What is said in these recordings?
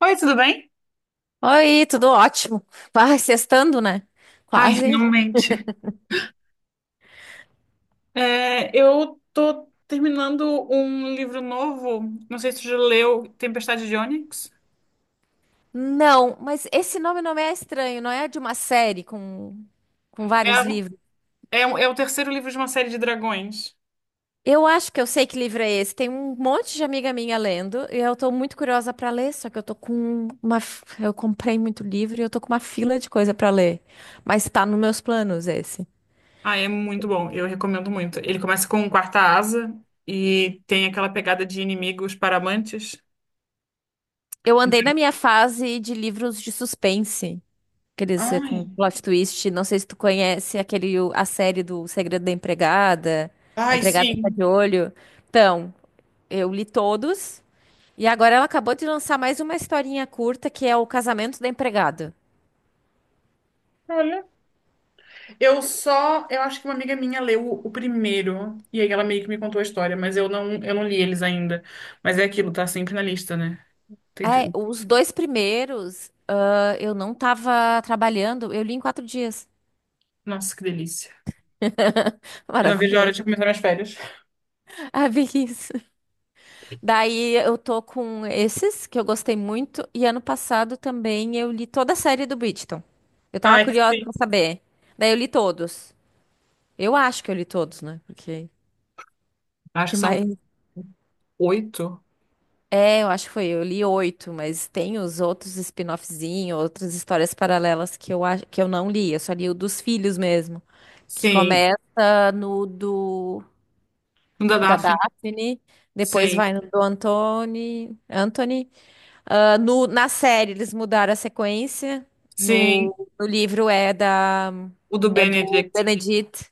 Oi, tudo bem? Oi, tudo ótimo. Vai, sextando, né? Ai, Quase. finalmente. Eu tô terminando um livro novo, não sei se tu já leu Tempestade de Ônix. Não, mas esse nome não é estranho, não é de uma série com É, vários livros. é o terceiro livro de uma série de dragões. Eu acho que eu sei que livro é esse. Tem um monte de amiga minha lendo e eu tô muito curiosa pra ler, só que eu tô com uma. F- Eu comprei muito livro e eu tô com uma fila de coisa pra ler. Mas tá nos meus planos esse. Ah, é muito bom, eu recomendo muito. Ele começa com quarta asa e tem aquela pegada de inimigos para amantes. Eu andei na minha fase de livros de suspense. Aqueles Ai, com plot twist. Não sei se tu conhece aquele, a série do Segredo da Empregada. A ai, Empregada Está de sim. Olho. Então, eu li todos. E agora ela acabou de lançar mais uma historinha curta, que é o Casamento da Empregada. Olha, eu acho que uma amiga minha leu o primeiro e aí ela meio que me contou a história, mas eu não li eles ainda. Mas é aquilo, tá sempre na lista, né? Tem É, que- os dois primeiros, eu não tava trabalhando, eu li em quatro dias. Nossa, que delícia. Eu não vejo a hora Maravilhoso. de começar minhas férias. Ah, bem isso. Daí eu tô com esses que eu gostei muito e ano passado também eu li toda a série do Bridgerton. Eu tava Ai, curiosa sim. pra saber. Daí eu li todos. Eu acho que eu li todos, né? Porque Acho que que são mais? oito. É, eu acho que foi. Eu li oito, mas tem os outros spin-offzinhos, outras histórias paralelas que eu acho que eu não li. Eu só li o dos filhos mesmo, que Sim. começa no do Um da da Daphne. Daphne, depois Sim. vai no do Anthony. Ah, no, na série eles mudaram a sequência. Sim. No livro é da O do é do Benedict. Benedict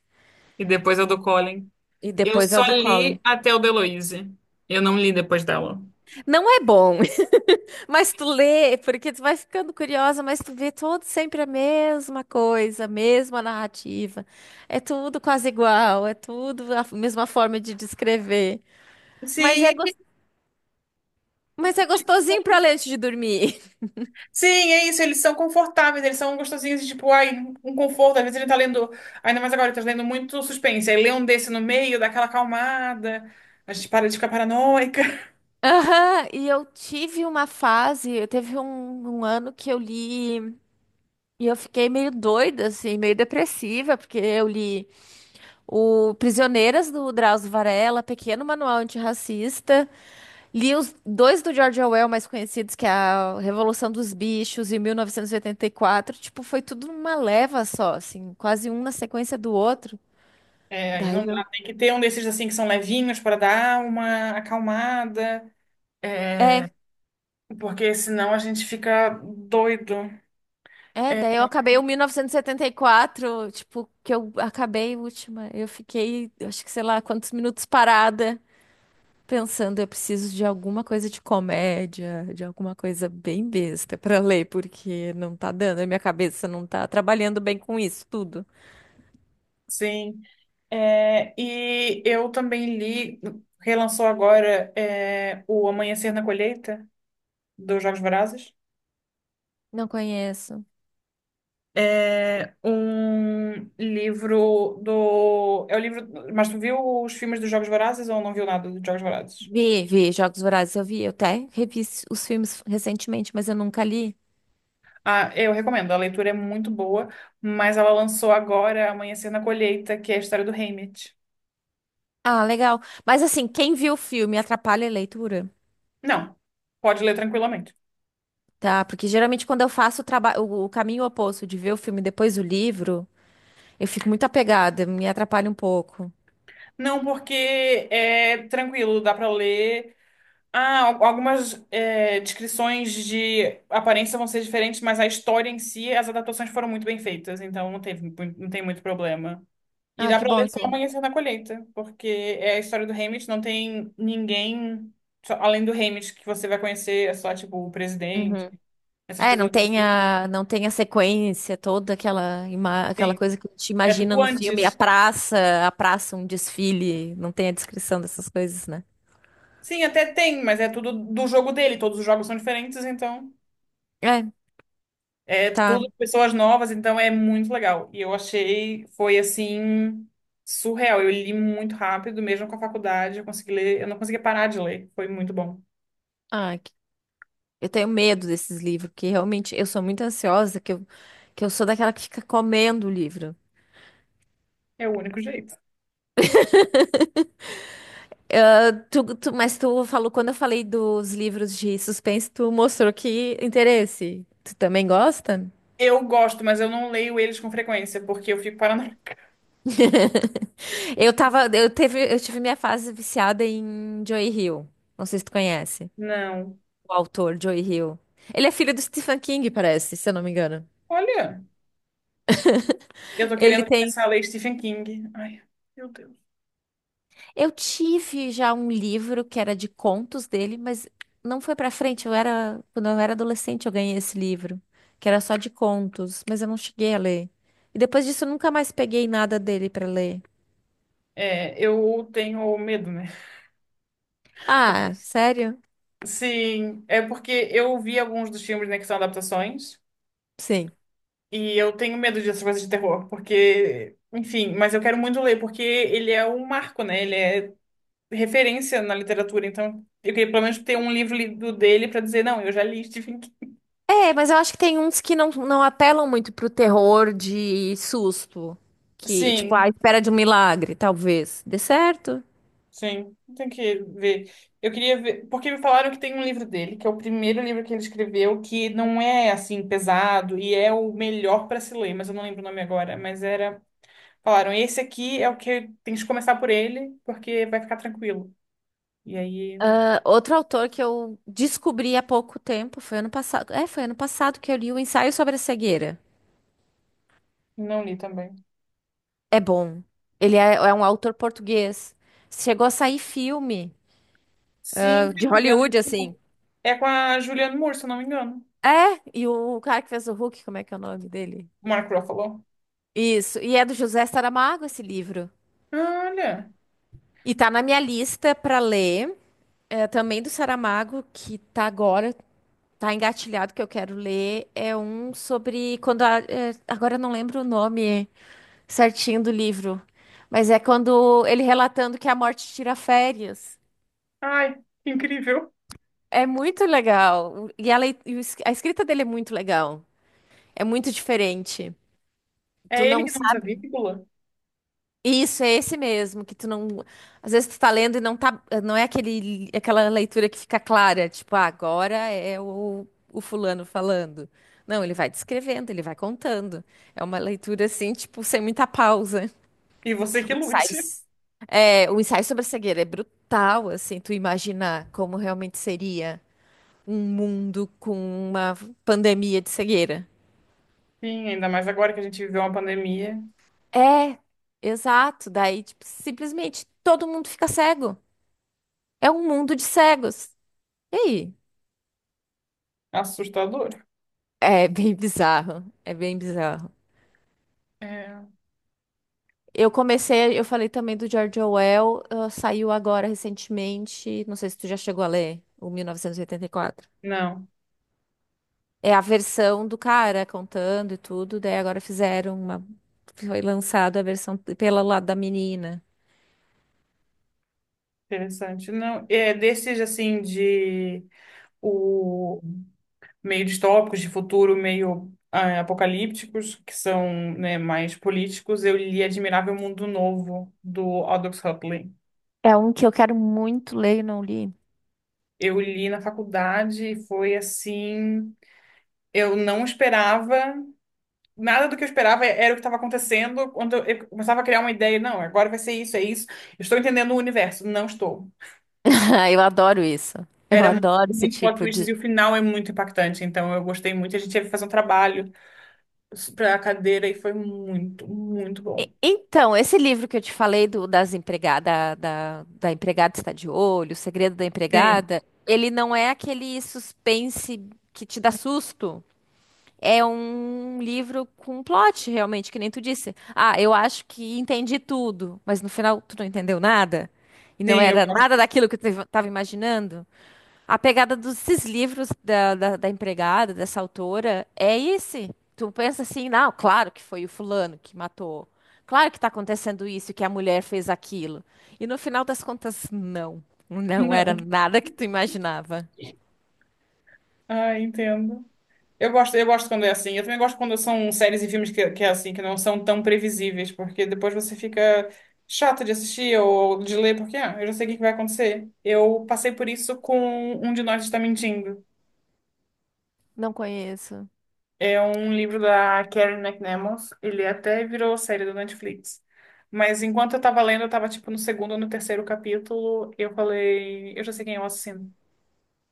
E depois é o do Colin. e Eu depois é só o do Colin. li até o da Heloise. Eu não li depois dela. Não é bom, mas tu lê porque tu vai ficando curiosa, mas tu vê todo sempre a mesma coisa, a mesma narrativa. É tudo quase igual, é tudo a mesma forma de descrever. Mas Sim, é gos- mas é gostosinho pra ler antes de dormir. sim, é isso. Eles são confortáveis, eles são gostosinhos, tipo, ai, um conforto. Às vezes a gente tá lendo, ainda mais agora, ele tá lendo muito suspense. Aí lê um desse no meio, dá aquela acalmada, a gente para de ficar paranoica. Aham, e eu tive uma fase, eu teve um ano que eu li. E eu fiquei meio doida, assim, meio depressiva, porque eu li o Prisioneiras do Drauzio Varela, Pequeno Manual Antirracista, li os dois do George Orwell mais conhecidos, que é a Revolução dos Bichos e 1984. Tipo, foi tudo numa leva só, assim, quase um na sequência do outro. É, aí não Daí dá. eu. Tem que ter um desses assim que são levinhos para dar uma acalmada, É, porque senão a gente fica doido. daí eu acabei o 1974, tipo, que eu acabei a última. Eu fiquei, acho que sei lá, quantos minutos parada, pensando, eu preciso de alguma coisa de comédia, de alguma coisa bem besta pra ler, porque não tá dando, a minha cabeça não tá trabalhando bem com isso tudo. Sim. E eu também li, relançou agora, o Amanhecer na Colheita, dos Jogos Vorazes. Não conheço. É um livro do. É o livro. Mas tu viu os filmes dos Jogos Vorazes ou não viu nada dos Jogos Vorazes? Vi, Jogos Vorazes, eu vi, eu até revi os filmes recentemente, mas eu nunca li. Ah, eu recomendo, a leitura é muito boa, mas ela lançou agora Amanhecer na Colheita, que é a história do Haymitch. Ah, legal. Mas assim, quem viu o filme atrapalha a leitura, Não, pode ler tranquilamente. tá? Porque geralmente quando eu faço o trabalho, o caminho oposto de ver o filme e depois o livro, eu fico muito apegada, me atrapalha um pouco. Não, porque é tranquilo, dá pra ler. Ah, al- algumas descrições de aparência vão ser diferentes, mas a história em si, as adaptações foram muito bem feitas, então não teve, mu- não tem muito problema. E Ah, dá que pra bom, ler só então. Amanhecer na Colheita, porque é a história do Haymitch, não tem ninguém só- além do Haymitch que você vai conhecer, é só tipo o presidente. Uhum. Essas É, não pessoas tem assim, a, não tem a sequência toda, aquela, aquela sim. coisa que a gente É imagina tudo no filme, antes. A praça, um desfile, não tem a descrição dessas coisas, né? Sim, até tem, mas é tudo do jogo dele. Todos os jogos são diferentes, então. É, É tá. tudo pessoas novas, então é muito legal. E eu achei, foi assim, surreal. Eu li muito rápido, mesmo com a faculdade, eu consegui ler, eu não conseguia parar de ler. Foi muito bom. Ah, que- eu tenho medo desses livros, porque realmente eu sou muito ansiosa, que eu sou daquela que fica comendo o livro. É o único jeito. Mas tu falou, quando eu falei dos livros de suspense, tu mostrou que interesse. Tu também gosta? Eu gosto, mas eu não leio eles com frequência, porque eu fico paranoica. Eu tava, eu teve, eu tive minha fase viciada em Joy Hill. Não sei se tu conhece Não. o autor, Joe Hill. Ele é filho do Stephen King, parece, se eu não me engano. Olha, eu tô Ele querendo tem. começar a ler Stephen King. Ai, meu Deus. Eu tive já um livro que era de contos dele, mas não foi pra frente. Eu era. Quando eu era adolescente, eu ganhei esse livro, que era só de contos, mas eu não cheguei a ler. E depois disso, eu nunca mais peguei nada dele pra ler. É, eu tenho medo, né? Ah, sério? Sim, é porque eu vi alguns dos filmes, né, que são adaptações, Sim. e eu tenho medo dessas coisas de terror, porque, enfim, mas eu quero muito ler, porque ele é um marco, né? Ele é referência na literatura, então eu queria pelo menos ter um livro lido dele pra dizer, não, eu já li Stephen King. É, mas eu acho que tem uns que não apelam muito pro terror de susto. Que, tipo, à Sim, espera de um milagre, talvez. Dê certo. sim, tem que ver. Eu queria ver, porque me falaram que tem um livro dele, que é o primeiro livro que ele escreveu, que não é assim pesado e é o melhor pra se ler, mas eu não lembro o nome agora, mas era Falaram, esse aqui é o que tem que começar por ele, porque vai ficar tranquilo. E aí, Ah, outro autor que eu descobri há pouco tempo, foi ano passado. É, foi ano passado que eu li o Ensaio sobre a Cegueira. não li também. É bom. Ele é um autor português. Chegou a sair filme Sim, se de não me engano, Hollywood, assim. é com a Julianne Moore, se eu não me engano. É, e o cara que fez o Hulk, como é que é o nome dele? O Mark Ruffalo. Isso. E é do José Saramago esse livro. Olha, E tá na minha lista pra ler. É, também do Saramago, que tá agora, tá engatilhado que eu quero ler. É um sobre quando a, é, agora eu não lembro o nome certinho do livro. Mas é quando ele relatando que a morte tira férias. ai, que incrível. É muito legal. E a escrita dele é muito legal. É muito diferente. Tu É ele não que não usa sabe. vírgula. Isso, é esse mesmo, que tu não. Às vezes tu tá lendo e não tá. Não é aquela leitura que fica clara, tipo, ah, agora é o fulano falando. Não, ele vai descrevendo, ele vai contando. É uma leitura assim, tipo, sem muita pausa. E você que O ensaio, lute. o ensaio sobre a cegueira é brutal, assim, tu imaginar como realmente seria um mundo com uma pandemia de cegueira. Sim, ainda mais agora que a gente viveu uma pandemia. É, exato. Daí, tipo, simplesmente todo mundo fica cego. É um mundo de cegos. E aí? Assustador. É bem bizarro. É bem bizarro. É. Eu comecei, eu falei também do George Orwell, ah, saiu agora recentemente. Não sei se tu já chegou a ler, o 1984. Não, É a versão do cara contando e tudo, daí agora fizeram uma. Foi lançada a versão pelo lado da menina. interessante. Não, é desses, assim, de... O meio distópicos, de futuro meio ah, apocalípticos, que são, né, mais políticos, eu li Admirável Mundo Novo, do Aldous Huxley. É um que eu quero muito ler e não li. Eu li na faculdade e foi assim. Eu não esperava, nada do que eu esperava era o que estava acontecendo. Quando eu começava a criar uma ideia, não, agora vai ser isso, é isso. Eu estou entendendo o universo. Não estou. Eu adoro isso. Eu Era mu- adoro esse muito plot tipo twists e de. o final é muito impactante. Então eu gostei muito. A gente teve que fazer um trabalho para a cadeira e foi muito, muito bom. Então, esse livro que eu te falei do, das empregada, da, da Empregada Está de Olho, o Segredo da Sim. Empregada, ele não é aquele suspense que te dá susto. É um livro com plot, realmente, que nem tu disse. Ah, eu acho que entendi tudo, mas no final tu não entendeu nada. E não Sim, eu era gosto. nada daquilo que tu estava imaginando. A pegada desses livros da empregada, dessa autora, é esse. Tu pensa assim, não, claro que foi o fulano que matou. Claro que tá acontecendo isso, que a mulher fez aquilo. E no final das contas, não. Não era Não. nada que tu imaginava. Ah, entendo. Eu gosto quando é assim. Eu também gosto quando são séries e filmes que é assim, que não são tão previsíveis, porque depois você fica chato de assistir ou de ler, porque ah, eu já sei o que que vai acontecer. Eu passei por isso com Um de Nós Está Mentindo. Não conheço. É um livro da Karen McNamara. Ele até virou série do Netflix. Mas enquanto eu tava lendo, eu tava tipo no segundo ou no terceiro capítulo, eu falei, eu já sei quem é o assassino.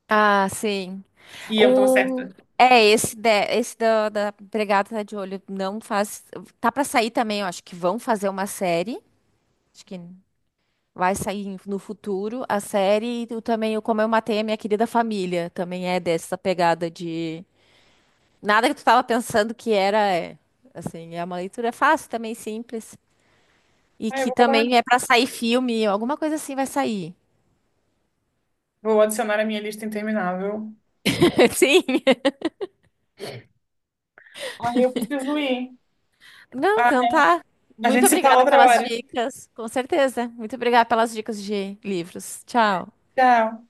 Ah, sim. E eu tava O... certa. É, esse, de... esse da, da empregada tá de olho não faz. Tá pra sair também, eu acho que vão fazer uma série. Acho que vai sair no futuro a série. E tu também o Como Eu Matei a Minha Querida Família. Também é dessa pegada de. Nada que tu tava pensando que era. É. Assim, é uma leitura fácil também, simples. E Ah, eu que vou botar na também é pra sair filme, alguma coisa assim vai sair. Vou adicionar a minha lista interminável. Sim. Aí eu preciso ir. Não, Ah, então tá. A Muito gente se fala obrigada outra pelas hora. dicas, com certeza. Muito obrigada pelas dicas de livros. Tchau. Tchau.